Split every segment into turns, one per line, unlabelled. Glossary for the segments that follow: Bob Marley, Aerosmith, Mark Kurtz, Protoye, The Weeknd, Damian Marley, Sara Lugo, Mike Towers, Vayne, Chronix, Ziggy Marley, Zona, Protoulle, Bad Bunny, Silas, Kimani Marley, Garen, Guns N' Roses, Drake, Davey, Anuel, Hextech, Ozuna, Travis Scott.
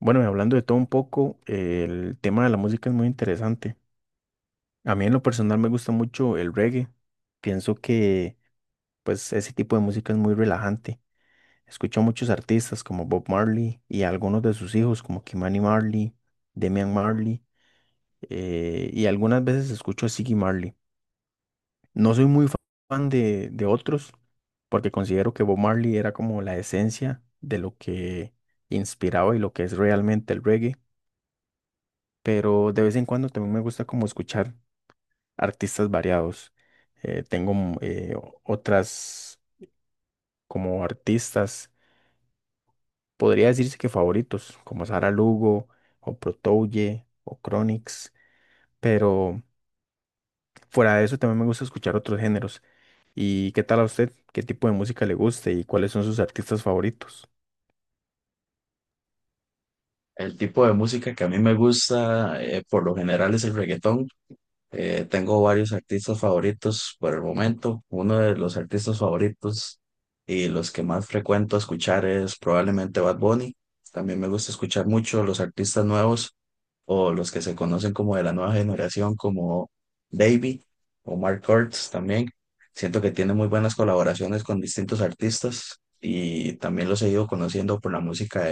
Bueno, y hablando de todo un poco, el tema de la música es muy interesante. A mí en lo personal me gusta mucho el reggae. Pienso que pues ese tipo de música es muy relajante. Escucho a muchos artistas como Bob Marley y a algunos de sus hijos como Kimani Marley, Damian Marley, y algunas veces escucho a Ziggy Marley. No soy muy fa- Fan de otros porque considero que Bob Marley era como la esencia de lo que inspiraba y lo que es realmente el reggae. Pero de vez en cuando también me gusta como escuchar artistas variados. Tengo otras como artistas, podría decirse que favoritos, como Sara Lugo o Protoulle o Chronix, pero fuera de eso también me gusta escuchar otros géneros. ¿Y qué tal a usted? ¿Qué tipo de música le gusta y cuáles son sus artistas favoritos?
El tipo de música que a mí me gusta, por lo general, es el reggaetón. Tengo varios artistas favoritos por el momento. Uno de los artistas favoritos y los que más frecuento escuchar es probablemente Bad Bunny. También me gusta escuchar mucho los artistas nuevos o los que se conocen como de la nueva generación, como Davey o Mark Kurtz también. Siento que tiene muy buenas colaboraciones con distintos artistas y también los he ido conociendo por la música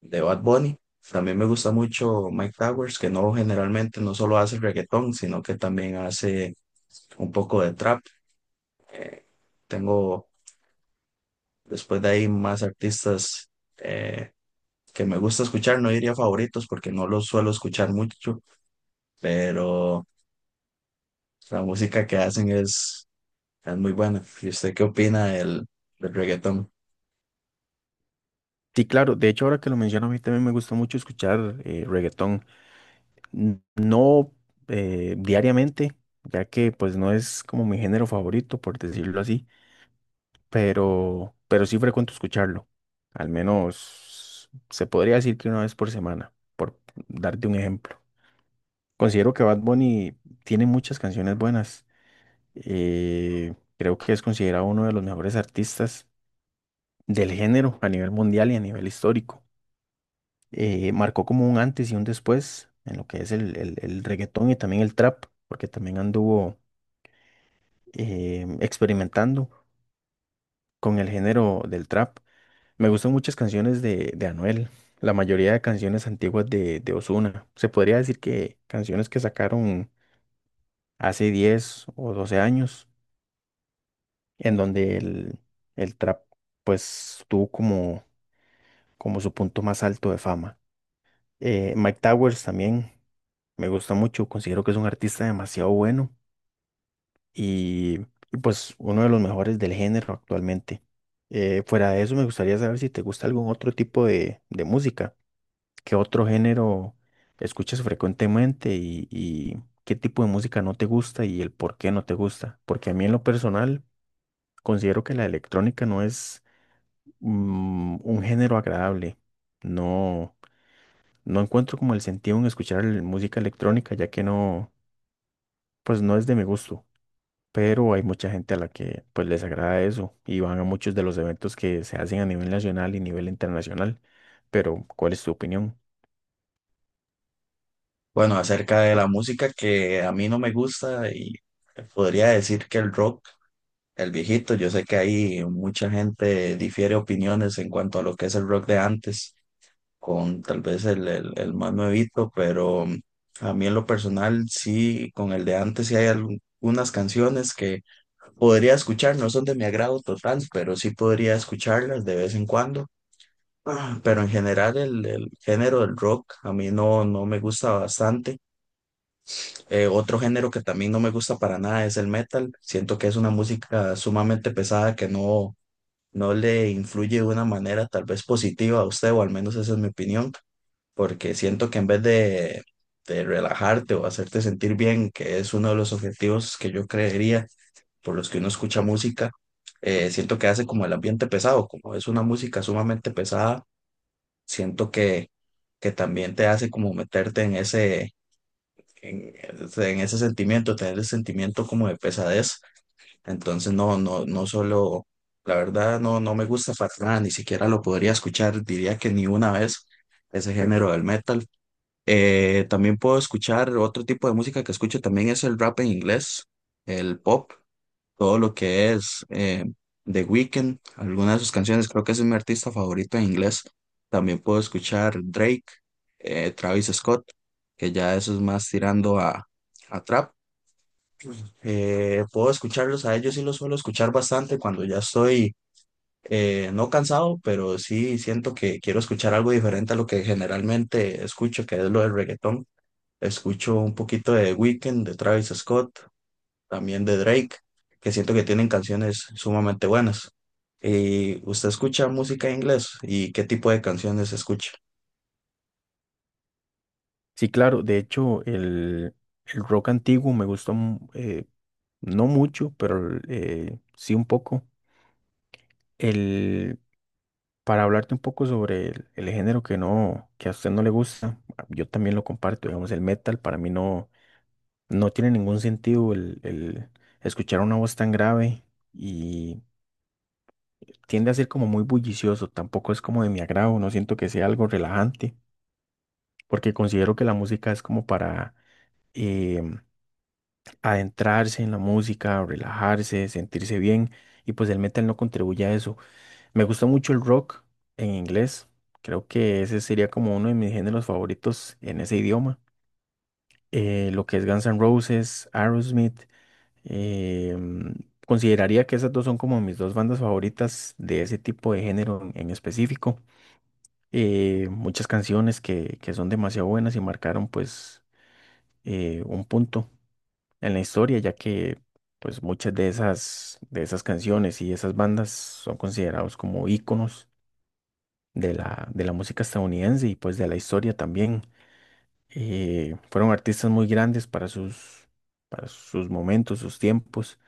de Bad Bunny. También me gusta mucho Mike Towers, que no generalmente no solo hace reggaetón, sino que también hace un poco de trap. Eh, tengo después de ahí más artistas eh, que me gusta escuchar, no diría favoritos porque no los suelo escuchar mucho, pero la música que hacen es muy buena. ¿Y usted qué opina del reggaetón?
Sí, claro, de hecho ahora que lo menciono a mí también me gusta mucho escuchar reggaetón. No, diariamente, ya que pues no es como mi género favorito, por decirlo así, pero sí frecuento escucharlo. Al menos se podría decir que una vez por semana, por darte un ejemplo. Considero que Bad Bunny tiene muchas canciones buenas. Creo que es considerado uno de los mejores artistas del género a nivel mundial y a nivel histórico. Marcó como un antes y un después en lo que es el reggaetón y también el trap, porque también anduvo experimentando con el género del trap. Me gustan muchas canciones de Anuel, la mayoría de canciones antiguas de Ozuna. Se podría decir que canciones que sacaron hace 10 o 12 años, en donde el trap pues tuvo como, como su punto más alto de fama. Mike Towers también me gusta mucho, considero que es un artista demasiado bueno y, pues uno de los mejores del género actualmente. Fuera de eso, me gustaría saber si te gusta algún otro tipo de música, qué otro género escuchas frecuentemente y qué tipo de música no te gusta y el por qué no te gusta. Porque a mí en lo personal considero que la electrónica no es un género agradable. No, no encuentro como el sentido en escuchar música electrónica, ya que no, pues no es de mi gusto. Pero hay mucha gente a la que pues les agrada eso y van a muchos de los eventos que se hacen a nivel nacional y nivel internacional. Pero, ¿cuál es tu opinión?
Bueno, acerca de la música que a mí no me gusta y podría decir que el rock. El viejito, yo sé que ahí mucha gente difiere opiniones en cuanto a lo que es el rock de antes, con tal vez el más nuevito, pero a mí en lo personal sí, con el de antes sí hay algunas canciones que podría escuchar, no son de mi agrado total, pero sí podría escucharlas de vez en cuando. Pero en general el género del rock a mí no, no me gusta bastante. Otro género que también no me gusta para nada es el metal. Siento que es una música sumamente pesada que no le influye de una manera tal vez positiva a usted, o al menos esa es mi opinión, porque siento que en vez de relajarte o hacerte sentir bien, que es uno de los objetivos que yo creería por los que uno escucha música, siento que hace como el ambiente pesado, como es una música sumamente pesada, siento que también te hace como meterte en ese, en en ese sentimiento, tener el sentimiento como de pesadez. Entonces, no solo, la verdad, no me gusta para nada, ni siquiera lo podría escuchar, diría que ni una vez ese género del metal. También puedo escuchar otro tipo de música que escucho también es el rap en inglés, el pop, todo lo que es The Weeknd, algunas de sus canciones, creo que ese es mi artista favorito en inglés. También puedo escuchar Drake, Travis Scott, que ya eso es más tirando a trap. Puedo escucharlos a ellos y los suelo escuchar bastante cuando ya estoy no cansado, pero sí siento que quiero escuchar algo diferente a lo que generalmente escucho, que es lo del reggaetón. Escucho un poquito de Weekend de Travis Scott, también de Drake, que siento que tienen canciones sumamente buenas. ¿Y usted escucha música en inglés? ¿Y qué tipo de canciones escucha?
Sí, claro, de hecho, el rock antiguo me gustó, no mucho, pero sí un poco. El, para hablarte un poco sobre el género que no, que a usted no le gusta, yo también lo comparto, digamos, el metal para mí no, no tiene ningún sentido el escuchar una voz tan grave y tiende a ser como muy bullicioso, tampoco es como de mi agrado, no siento que sea algo relajante, porque considero que la música es como para em, adentrarse en la música, relajarse, sentirse bien, y pues el metal no contribuye a eso. Me gusta mucho el rock en inglés, creo que ese sería como uno de mis géneros favoritos en ese idioma. Lo que es Guns N' Roses, Aerosmith, em, consideraría que esas dos son como mis dos bandas favoritas de ese tipo de género en específico. Muchas canciones que son demasiado buenas y marcaron pues un punto en la historia, ya que pues muchas de esas canciones y esas bandas son considerados como íconos de la música estadounidense y pues de la historia también. Fueron artistas muy grandes para sus momentos, sus tiempos,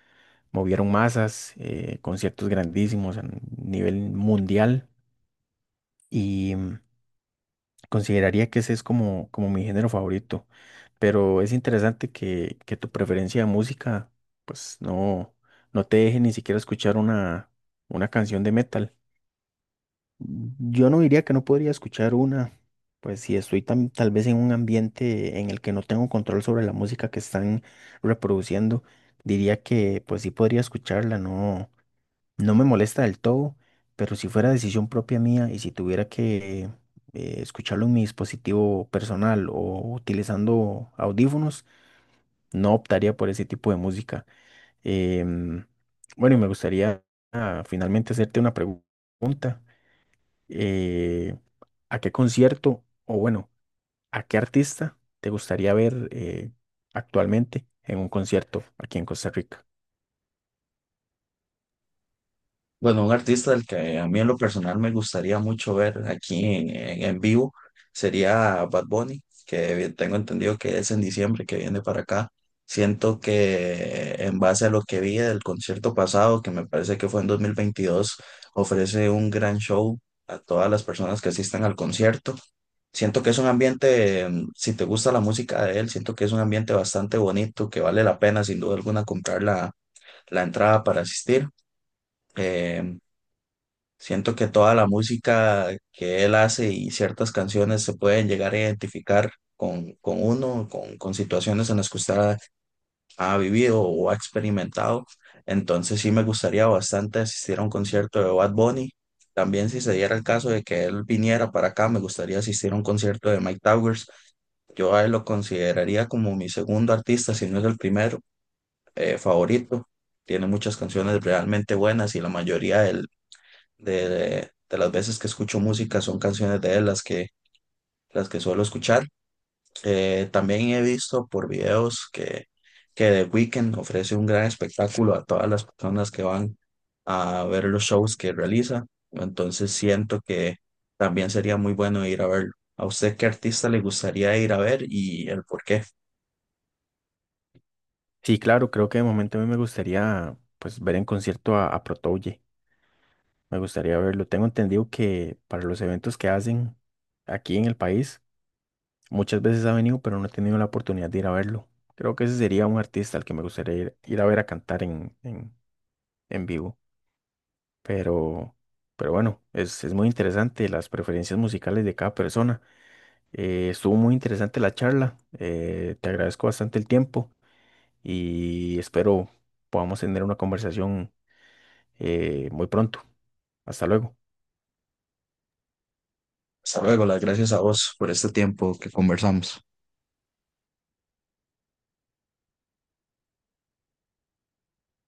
movieron masas, conciertos grandísimos a nivel mundial. Y consideraría que ese es como, como mi género favorito, pero es interesante que tu preferencia de música, pues no, no te deje ni siquiera escuchar una canción de metal. Yo no diría que no podría escuchar una, pues si estoy tal vez en un ambiente en el que no tengo control sobre la música que están reproduciendo, diría que pues sí podría escucharla, no. No me molesta del todo, pero si fuera decisión propia mía y si tuviera que escucharlo en mi dispositivo personal o utilizando audífonos, no optaría por ese tipo de música. Em, bueno, y me gustaría finalmente hacerte una pregunta. eh, ¿A qué concierto o bueno, a qué artista te gustaría ver actualmente en un concierto aquí en Costa Rica?
Bueno, un artista del que a mí en lo personal me gustaría mucho ver aquí en, en vivo sería Bad Bunny, que tengo entendido que es en diciembre que viene para acá. Siento que en base a lo que vi del concierto pasado, que me parece que fue en 2022, ofrece un gran show a todas las personas que asistan al concierto. Siento que es un ambiente, mm, si te gusta la música de él, siento que es un ambiente bastante bonito, que vale la pena sin duda alguna comprar la entrada para asistir. Em, Siento que toda la música que él hace y ciertas canciones se pueden llegar a identificar con uno, con situaciones en las que usted ha vivido o ha experimentado. Entonces sí me gustaría bastante asistir a un concierto de Bad Bunny. También si se diera el caso de que él viniera para acá, me gustaría asistir a un concierto de Mike Towers. Yo a él lo consideraría como mi segundo artista, si no es el primero, favorito. Tiene muchas canciones realmente buenas y la mayoría de las veces que escucho música son canciones de él las que suelo escuchar. También he visto por videos que The Weeknd ofrece un gran espectáculo a todas las personas que van a ver los shows que realiza. Entonces siento que también sería muy bueno ir a verlo. ¿A usted qué artista le gustaría ir a ver y el por qué?
Sí, claro, creo que de momento a mí me gustaría pues ver en concierto a Protoye. Me gustaría verlo. Tengo entendido que para los eventos que hacen aquí en el país, muchas veces ha venido, pero no he tenido la oportunidad de ir a verlo. Creo que ese sería un artista al que me gustaría ir, ir a ver a cantar en vivo. Pero, pero bueno, es muy interesante las preferencias musicales de cada persona. Estuvo muy interesante la charla. Te agradezco bastante el tiempo y espero podamos tener una conversación muy pronto. Hasta luego.
Hasta luego, las gracias a vos por este tiempo que conversamos.